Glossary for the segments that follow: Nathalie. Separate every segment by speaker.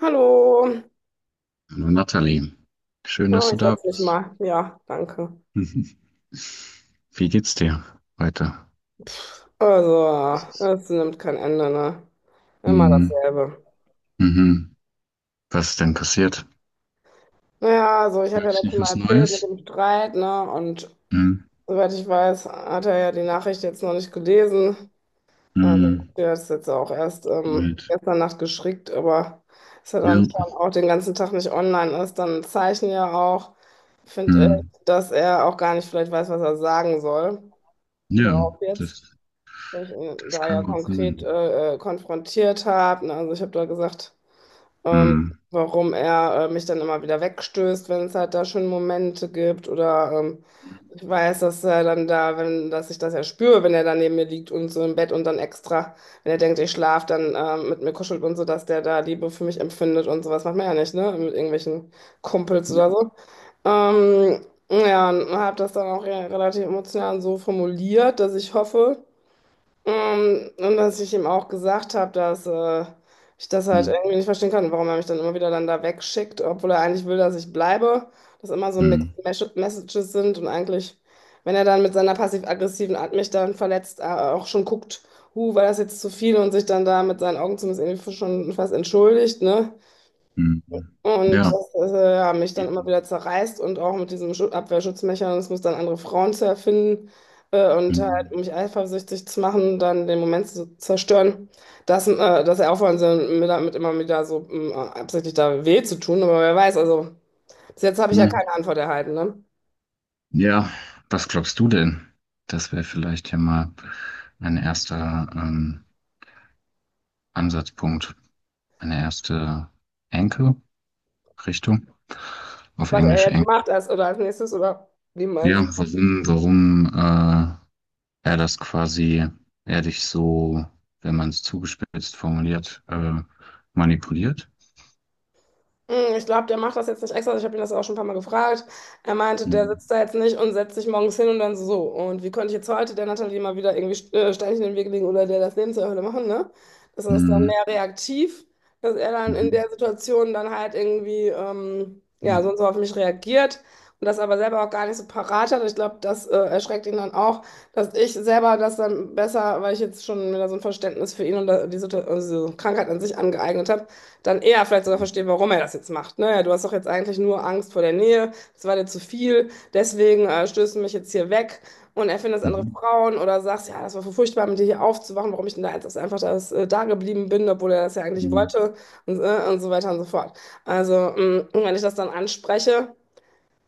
Speaker 1: Hallo.
Speaker 2: Hallo Nathalie, schön,
Speaker 1: Oh,
Speaker 2: dass du
Speaker 1: ich
Speaker 2: da
Speaker 1: setze mich
Speaker 2: bist.
Speaker 1: mal. Ja, danke.
Speaker 2: Mhm. Wie geht's dir heute?
Speaker 1: Also, es nimmt kein Ende, ne? Immer
Speaker 2: Mhm.
Speaker 1: dasselbe.
Speaker 2: Mhm. Was ist denn passiert?
Speaker 1: Naja, also ich habe ja
Speaker 2: Gab's
Speaker 1: letztes
Speaker 2: noch
Speaker 1: Mal
Speaker 2: was
Speaker 1: erzählt mit
Speaker 2: Neues?
Speaker 1: dem Streit, ne? Und
Speaker 2: Mhm.
Speaker 1: soweit ich weiß, hat er ja die Nachricht jetzt noch nicht gelesen. Also,
Speaker 2: Mhm.
Speaker 1: der ist jetzt auch erst
Speaker 2: Right.
Speaker 1: gestern Nacht geschickt, aber ist er dann
Speaker 2: Ja.
Speaker 1: schon auch den ganzen Tag nicht online ist, dann ein Zeichen ja auch. Ich finde,
Speaker 2: Mhm.
Speaker 1: dass er auch gar nicht vielleicht weiß, was er sagen soll.
Speaker 2: Ja,
Speaker 1: Darauf jetzt,
Speaker 2: das,
Speaker 1: wo ich ihn
Speaker 2: das
Speaker 1: da ja
Speaker 2: kann gut
Speaker 1: konkret
Speaker 2: sein.
Speaker 1: konfrontiert habe. Ne? Also ich habe da gesagt, ähm,
Speaker 2: Mhm.
Speaker 1: warum er mich dann immer wieder wegstößt, wenn es halt da schon Momente gibt oder ich weiß, dass er dann da, wenn, dass ich das ja spüre, wenn er da neben mir liegt und so im Bett und dann extra, wenn er denkt, ich schlafe, dann mit mir kuschelt und so, dass der da Liebe für mich empfindet und sowas macht man ja nicht, ne? Mit irgendwelchen Kumpels oder so. Ähm, ja, und habe das dann auch ja relativ emotional so formuliert, dass ich hoffe, und dass ich ihm auch gesagt habe, dass ich das halt
Speaker 2: Mhm.
Speaker 1: irgendwie nicht verstehen kann, warum er mich dann immer wieder dann da wegschickt, obwohl er eigentlich will, dass ich bleibe. Dass immer so Mixed
Speaker 2: Mhm.
Speaker 1: Messages sind und eigentlich, wenn er dann mit seiner passiv-aggressiven Art mich dann verletzt, auch schon guckt, huh, war das jetzt zu viel und sich dann da mit seinen Augen zumindest irgendwie schon fast entschuldigt, ne?
Speaker 2: Mhm.
Speaker 1: Und
Speaker 2: Ja.
Speaker 1: das ja, mich dann immer
Speaker 2: Mhm.
Speaker 1: wieder zerreißt und auch mit diesem Abwehrschutzmechanismus dann andere Frauen zu erfinden und halt, um mich eifersüchtig zu machen, dann den Moment zu zerstören, dass, äh, dass er aufhören soll, mir damit immer wieder so absichtlich da weh zu tun. Aber wer weiß, also bis jetzt habe ich ja
Speaker 2: Mhm.
Speaker 1: keine Antwort erhalten, ne?
Speaker 2: Ja, was glaubst du denn? Das wäre vielleicht ja mal ein erster Ansatzpunkt. Eine erste Enkel-Richtung, auf
Speaker 1: Was er
Speaker 2: Englisch
Speaker 1: jetzt
Speaker 2: Enkel.
Speaker 1: macht als, oder als nächstes oder wie man.
Speaker 2: Ja, warum er das quasi, er dich so, wenn man es zugespitzt formuliert, manipuliert?
Speaker 1: Ich glaube, der macht das jetzt nicht extra. Ich habe ihn das auch schon ein paar Mal gefragt. Er meinte, der
Speaker 2: Mhm.
Speaker 1: sitzt da jetzt nicht und setzt sich morgens hin und dann so. Und wie konnte ich jetzt heute der Natalie mal wieder irgendwie Steinchen in den Weg legen oder der das Leben zur Hölle machen, ne? Das ist dann
Speaker 2: Mhm.
Speaker 1: mehr reaktiv, dass er dann in
Speaker 2: Mhm.
Speaker 1: der Situation dann halt irgendwie, ja, so und so auf mich reagiert und das aber selber auch gar nicht so parat hat. Ich glaube, das erschreckt ihn dann auch, dass ich selber das dann besser, weil ich jetzt schon wieder so ein Verständnis für ihn und die also Krankheit an sich angeeignet habe dann eher vielleicht sogar verstehe, warum er das jetzt macht. Ne? Ja, du hast doch jetzt eigentlich nur Angst vor der Nähe, das war dir zu viel, deswegen stößt du mich jetzt hier weg und erfindest andere
Speaker 2: Mhm.
Speaker 1: Frauen oder sagst, ja, das war so furchtbar, mit dir hier aufzuwachen, warum ich denn da jetzt einfach das, da geblieben bin, obwohl er das ja eigentlich
Speaker 2: Mhm.
Speaker 1: wollte und so weiter und so fort. Also, wenn ich das dann anspreche,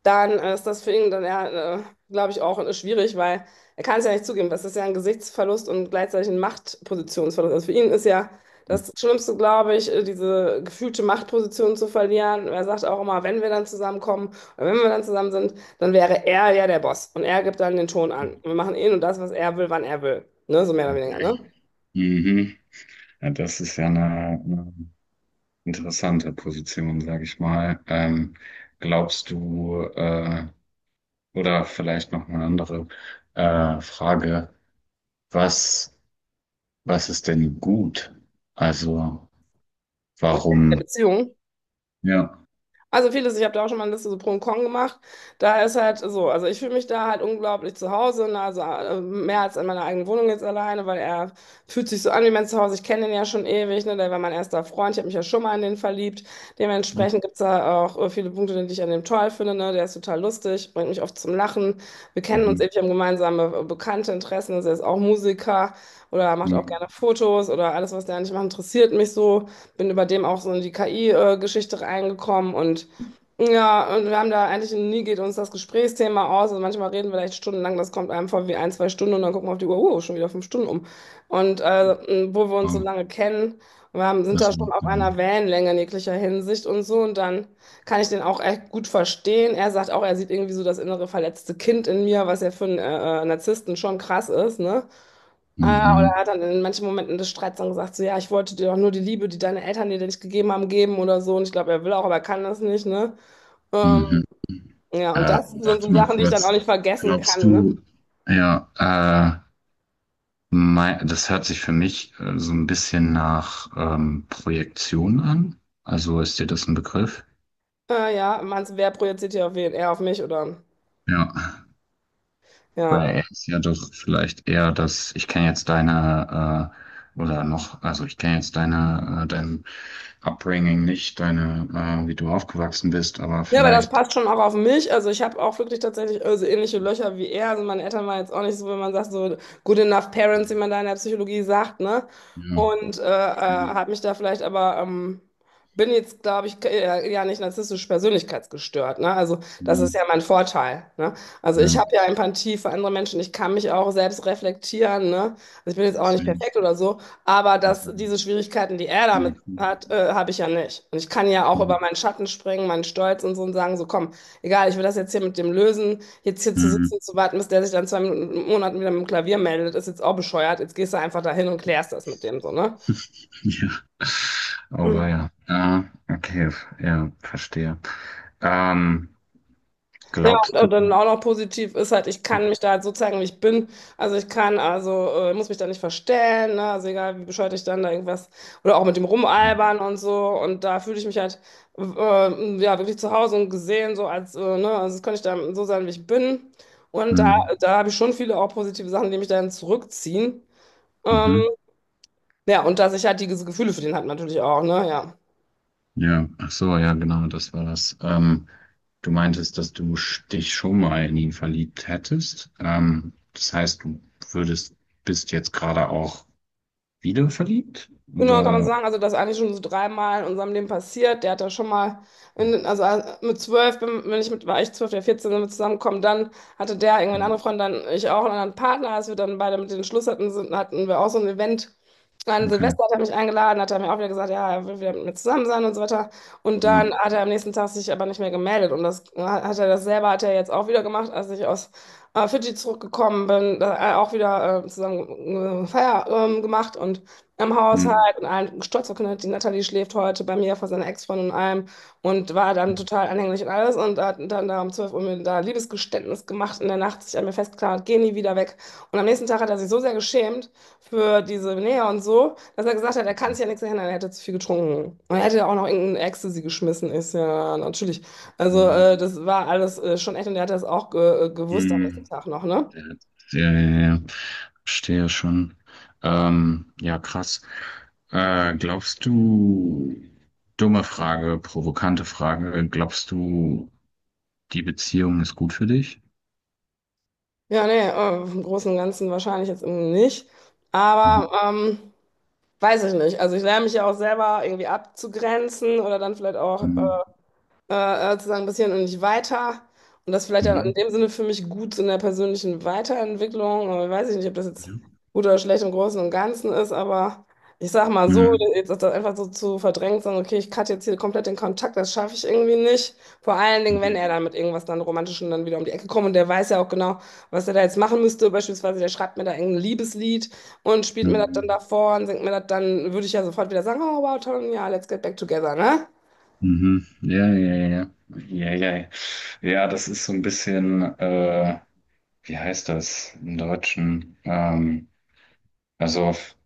Speaker 1: dann ist das für ihn dann ja, glaube ich, auch schwierig, weil er kann es ja nicht zugeben. Das ist ja ein Gesichtsverlust und gleichzeitig ein Machtpositionsverlust. Also für ihn ist ja das Schlimmste, glaube ich, diese gefühlte Machtposition zu verlieren. Er sagt auch immer, wenn wir dann zusammenkommen oder wenn wir dann zusammen sind, dann wäre er ja der Boss und er gibt dann den Ton an. Wir machen ihn und das, was er will, wann er will. Ne? So mehr oder weniger,
Speaker 2: Okay.
Speaker 1: ne?
Speaker 2: Mhm. Ja, das ist ja eine interessante Position, sage ich mal. Glaubst du, oder vielleicht noch eine andere Frage, was, was ist denn gut? Also,
Speaker 1: In der
Speaker 2: warum?
Speaker 1: Beziehung.
Speaker 2: Ja.
Speaker 1: Also vieles, ich habe da auch schon mal eine Liste so pro und con gemacht. Da ist halt so, also ich fühle mich da halt unglaublich zu Hause, ne, also mehr als in meiner eigenen Wohnung jetzt alleine, weil er fühlt sich so an wie mein Zuhause. Ich kenne den ja schon ewig, ne, der war mein erster Freund, ich habe mich ja schon mal in den verliebt. Dementsprechend gibt es da auch viele Punkte, die ich an dem toll finde, ne, der ist total lustig, bringt mich oft zum Lachen. Wir kennen uns
Speaker 2: Mhm.
Speaker 1: ewig, haben gemeinsame bekannte Interessen, also er ist auch Musiker oder macht auch
Speaker 2: Mhm.
Speaker 1: gerne Fotos oder alles, was der nicht macht, interessiert mich so. Bin über dem auch so in die KI-Geschichte reingekommen und ja, und wir haben da eigentlich nie geht uns das Gesprächsthema aus. Also manchmal reden wir vielleicht stundenlang, das kommt einem vor wie ein, zwei Stunden und dann gucken wir auf die Uhr, oh, schon wieder 5 Stunden um. Und wo wir
Speaker 2: Ja.
Speaker 1: uns so lange kennen, wir haben, sind da
Speaker 2: Also,
Speaker 1: schon auf einer
Speaker 2: mhm.
Speaker 1: Wellenlänge in jeglicher Hinsicht und so. Und dann kann ich den auch echt gut verstehen. Er sagt auch, er sieht irgendwie so das innere verletzte Kind in mir, was ja für einen Narzissten schon krass ist, ne? Ah, oder er
Speaker 2: Mhm.
Speaker 1: hat dann in manchen Momenten des Streits dann gesagt, so ja, ich wollte dir doch nur die Liebe, die deine Eltern dir nicht gegeben haben, geben oder so. Und ich glaube, er will auch, aber er kann das nicht, ne? Ähm,
Speaker 2: Mhm.
Speaker 1: ja, und das sind so
Speaker 2: Warte mal
Speaker 1: Sachen, die ich dann auch nicht
Speaker 2: kurz.
Speaker 1: vergessen
Speaker 2: Glaubst
Speaker 1: kann, ne?
Speaker 2: du, ja, äh, das hört sich für mich so ein bisschen nach Projektion an. Also ist dir das ein Begriff?
Speaker 1: Ja, meinst du, wer projiziert hier auf wen? Er auf mich oder?
Speaker 2: Ja.
Speaker 1: Ja.
Speaker 2: Weil er ist ja doch vielleicht eher das, ich kenne jetzt deine, oder noch, also ich kenne jetzt deine, dein Upbringing nicht, deine, wie du aufgewachsen bist, aber
Speaker 1: Ja, aber das
Speaker 2: vielleicht,
Speaker 1: passt schon auch auf mich. Also ich habe auch wirklich tatsächlich so ähnliche Löcher wie er. Also meine Eltern waren jetzt auch nicht so, wenn man sagt, so good enough
Speaker 2: äh,
Speaker 1: parents, wie man da in der Psychologie sagt, ne?
Speaker 2: ja,
Speaker 1: Und
Speaker 2: okay,
Speaker 1: habe mich da vielleicht aber, bin jetzt, glaube ich, ja nicht narzisstisch persönlichkeitsgestört, ne? Also das ist
Speaker 2: hm,
Speaker 1: ja mein Vorteil, ne? Also ich
Speaker 2: ja,
Speaker 1: habe ja Empathie für andere Menschen. Ich kann mich auch selbst reflektieren, ne? Also ich bin jetzt auch nicht
Speaker 2: safe.
Speaker 1: perfekt oder so. Aber dass diese Schwierigkeiten, die er damit
Speaker 2: Nee, cool.
Speaker 1: hat, habe ich ja nicht. Und ich kann ja auch
Speaker 2: Hm,
Speaker 1: über meinen Schatten springen, meinen Stolz und so und sagen, so komm, egal, ich will das jetzt hier mit dem lösen, jetzt hier zu
Speaker 2: hm,
Speaker 1: sitzen, zu warten, bis der sich dann zwei Minuten, Monaten wieder mit dem Klavier meldet, ist jetzt auch bescheuert. Jetzt gehst du einfach dahin und klärst das mit dem so, ne?
Speaker 2: ja. Oh, weia. Ja, okay, ja, verstehe. Ähm,
Speaker 1: Ja, und,
Speaker 2: glaubst du,
Speaker 1: und dann auch noch positiv ist halt, ich kann mich da halt so zeigen, wie ich bin. Also ich kann, also muss mich da nicht verstellen, ne? Also egal, wie bescheuert ich dann da irgendwas oder auch mit dem Rumalbern und so. Und da fühle ich mich halt äh, ja wirklich zu Hause und gesehen, so als, ne? Also das kann ich dann so sein, wie ich bin. Und da,
Speaker 2: hm,
Speaker 1: da habe ich schon viele auch positive Sachen, die mich dann zurückziehen. Ähm,
Speaker 2: mhm,
Speaker 1: ja, und dass ich halt diese Gefühle für den hat natürlich auch, ne? Ja.
Speaker 2: ja, ach so, ja, genau, das war das. Du meintest, dass dich schon mal in ihn verliebt hättest. Das heißt, du würdest, bist jetzt gerade auch wieder verliebt?
Speaker 1: Genau, kann man
Speaker 2: Oder?
Speaker 1: sagen, also das ist eigentlich schon so dreimal in unserem Leben passiert. Der hat da schon mal, in, also mit 12, bin ich mit, war ich 12, der 14 sind wir zusammengekommen. Dann hatte der irgendwie eine andere Freundin, dann ich auch einen anderen Partner. Als wir dann beide mit den Schluss hatten, sind, hatten wir auch so ein Event. An
Speaker 2: Okay,
Speaker 1: Silvester hat er mich eingeladen, hat er mir auch wieder gesagt, ja, er will wieder mit mir zusammen sein und so weiter. Und dann
Speaker 2: ja.
Speaker 1: hat er am nächsten Tag sich aber nicht mehr gemeldet. Und das hat er das selber, hat er jetzt auch wieder gemacht, als ich aus Fidschi zurückgekommen bin, da, auch wieder zusammen Feier gemacht. Und im
Speaker 2: Hm.
Speaker 1: Haushalt und allen stolz verkündet, die Natalie schläft heute bei mir vor seiner Ex-Freundin und allem und war dann total anhänglich und alles und hat dann da um 12 Uhr mir da Liebesgeständnis gemacht in der Nacht, sich an mir festgeklammert, geh nie wieder weg. Und am nächsten Tag hat er sich so sehr geschämt für diese Nähe und so, dass er gesagt hat, er kann sich ja nichts erinnern, er hätte zu viel getrunken. Und er hätte ja auch noch irgendein Ecstasy geschmissen, ist ja natürlich. Also das war alles schon echt und er hat das auch ge gewusst am nächsten
Speaker 2: Hm.
Speaker 1: Tag noch, ne?
Speaker 2: Ja, ja, ja. Verstehe schon. Ja, krass. Glaubst du, dumme Frage, provokante Frage, glaubst du, die Beziehung ist gut für dich?
Speaker 1: Ja, nee, im Großen und Ganzen wahrscheinlich jetzt irgendwie nicht. Aber
Speaker 2: Mhm.
Speaker 1: weiß ich nicht. Also ich lerne mich ja auch selber irgendwie abzugrenzen oder dann vielleicht auch
Speaker 2: Mhm.
Speaker 1: zu sagen, bisschen und nicht weiter. Und das vielleicht auch in
Speaker 2: Mhm.
Speaker 1: dem Sinne für mich gut in der persönlichen Weiterentwicklung. Aber weiß ich nicht, ob das jetzt
Speaker 2: Ja.
Speaker 1: gut oder schlecht im Großen und Ganzen ist, aber ich sag mal so,
Speaker 2: Mhm.
Speaker 1: jetzt ist das einfach so zu verdrängt, sagen, okay, ich cutte jetzt hier komplett den Kontakt, das schaffe ich irgendwie nicht. Vor allen Dingen, wenn
Speaker 2: Mhm.
Speaker 1: er dann mit irgendwas dann Romantischem dann wieder um die Ecke kommt und der weiß ja auch genau, was er da jetzt machen müsste. Beispielsweise, der schreibt mir da irgendein Liebeslied und spielt mir das dann
Speaker 2: Mhm.
Speaker 1: davor und singt mir das, dann würde ich ja sofort wieder sagen, oh wow, toll, ja, let's get back together, ne?
Speaker 2: Mhm. Ja, ja, ja, ja, ja, ja. Ja, das ist so ein bisschen, wie heißt das im Deutschen? Also, f-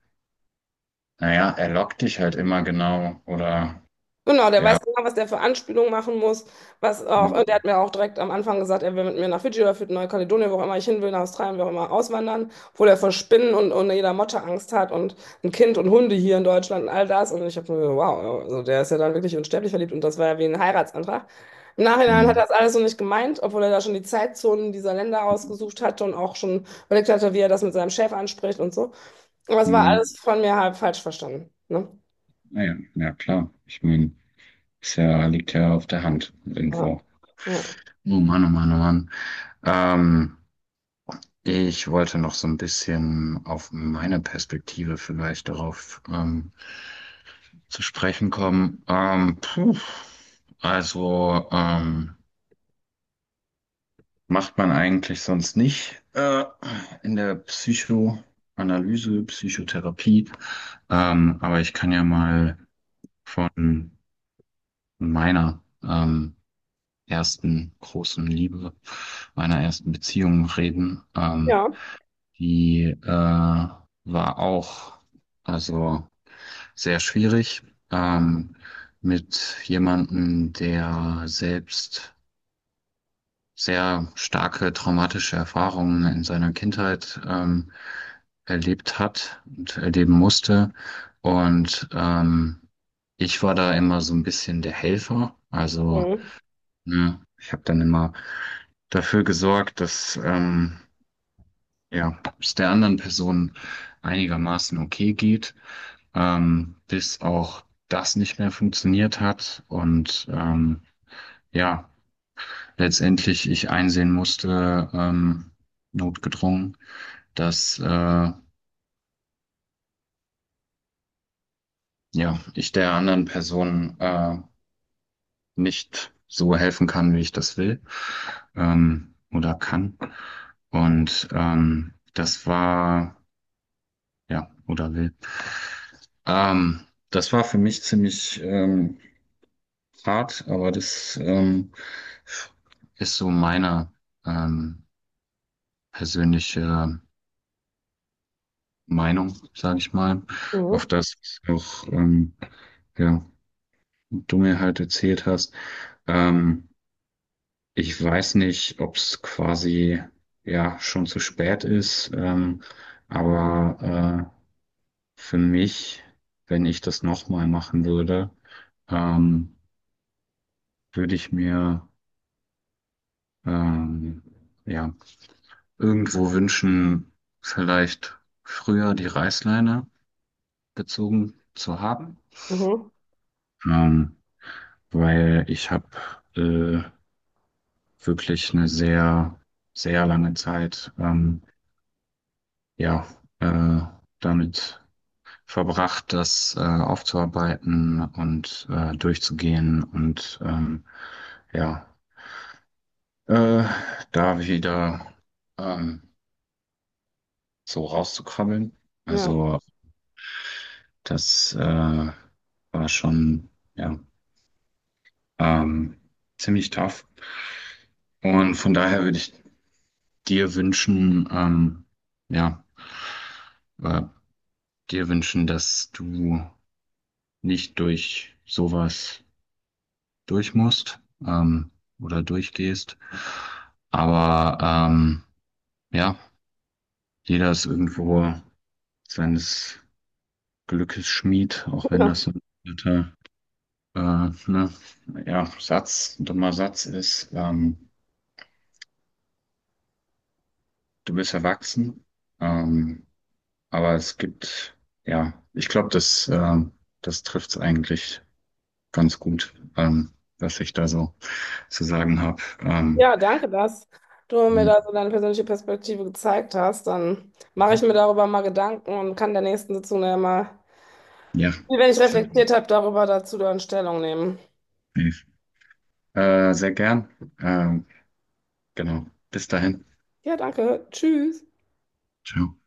Speaker 2: naja, er lockt dich halt immer genau, oder,
Speaker 1: Genau, der
Speaker 2: ja,
Speaker 1: weiß genau, was der für Anspielungen machen muss, was
Speaker 2: ja,
Speaker 1: auch, und der hat mir auch direkt am Anfang gesagt, er will mit mir nach Fidschi oder für Neukaledonien, wo auch immer ich hin will, nach Australien, wo auch immer, auswandern, obwohl er vor Spinnen und jeder Motte Angst hat und ein Kind und Hunde hier in Deutschland und all das. Und ich habe mir gedacht, wow, also der ist ja dann wirklich unsterblich verliebt und das war ja wie ein Heiratsantrag. Im Nachhinein hat er
Speaker 2: mhm.
Speaker 1: das alles so nicht gemeint, obwohl er da schon die Zeitzonen dieser Länder ausgesucht hatte und auch schon überlegt hatte, wie er das mit seinem Chef anspricht und so. Aber es war
Speaker 2: Mhm.
Speaker 1: alles von mir halb falsch verstanden. Ne?
Speaker 2: Naja, ja, ja, klar. Ich meine, ist ja, liegt ja auf der Hand
Speaker 1: Ja.
Speaker 2: irgendwo.
Speaker 1: Ja.
Speaker 2: Oh Mann, oh Mann, oh Mann. Ähm, ich wollte noch so ein bisschen auf meine Perspektive vielleicht darauf zu sprechen kommen. Puh, also Macht man eigentlich sonst nicht in der Psychoanalyse, Psychotherapie. Aber ich kann ja mal von meiner ersten großen Liebe, meiner ersten Beziehung reden.
Speaker 1: Ja.
Speaker 2: Die War auch also sehr schwierig. Ähm, mit jemandem, der selbst sehr starke traumatische Erfahrungen in seiner Kindheit erlebt hat und erleben musste. Und ich war da immer so ein bisschen der Helfer. Also,
Speaker 1: Mhm.
Speaker 2: ne, ich habe dann immer dafür gesorgt, dass ja, es der anderen Person einigermaßen okay geht, bis auch das nicht mehr funktioniert hat. Und ja, letztendlich ich einsehen musste, notgedrungen, dass ja, ich der anderen Person nicht so helfen kann, wie ich das will oder kann. Und das war, ja, oder will. Das war für mich ziemlich hart, aber das ist so meine ähm, persönliche Meinung, sage ich mal, auf
Speaker 1: Mhm.
Speaker 2: das ich auch ja, du mir halt erzählt hast. Ähm, ich weiß nicht, ob es quasi ja schon zu spät ist, aber äh, für mich, wenn ich das nochmal machen würde, ähm, würde ich mir ähm, ja irgendwo wünschen, vielleicht früher die Reißleine gezogen zu haben,
Speaker 1: Mhm.
Speaker 2: ähm, weil ich habe wirklich eine sehr, sehr lange Zeit, ja, äh, damit verbracht, das, aufzuarbeiten und, durchzugehen und, ja, äh, da wieder, ähm, so rauszukrabbeln.
Speaker 1: Ja.
Speaker 2: Also, das, war schon, ja, ähm, ziemlich tough. Und von daher würde ich dir wünschen, ja, äh, dir wünschen, dass du nicht durch sowas durch musst ähm, oder durchgehst. Aber ja, jeder ist irgendwo seines Glückes Schmied, auch wenn
Speaker 1: Ja.
Speaker 2: das so ein alter, äh, ne, ja, Satz, ein dummer Satz ist. Du bist erwachsen, ähm, aber es gibt, ja, ich glaube, das, das trifft es eigentlich ganz gut, was ich da so zu sagen habe.
Speaker 1: Ja, danke, dass du mir da so deine persönliche Perspektive gezeigt hast. Dann mache ich mir darüber mal Gedanken und kann in der nächsten Sitzung ja mal,
Speaker 2: Ja,
Speaker 1: wenn ich reflektiert habe, darüber dazu dann Stellung nehmen.
Speaker 2: definitiv. Sehr gern. Ähm, genau. Bis dahin.
Speaker 1: Ja, danke. Tschüss.
Speaker 2: Ciao.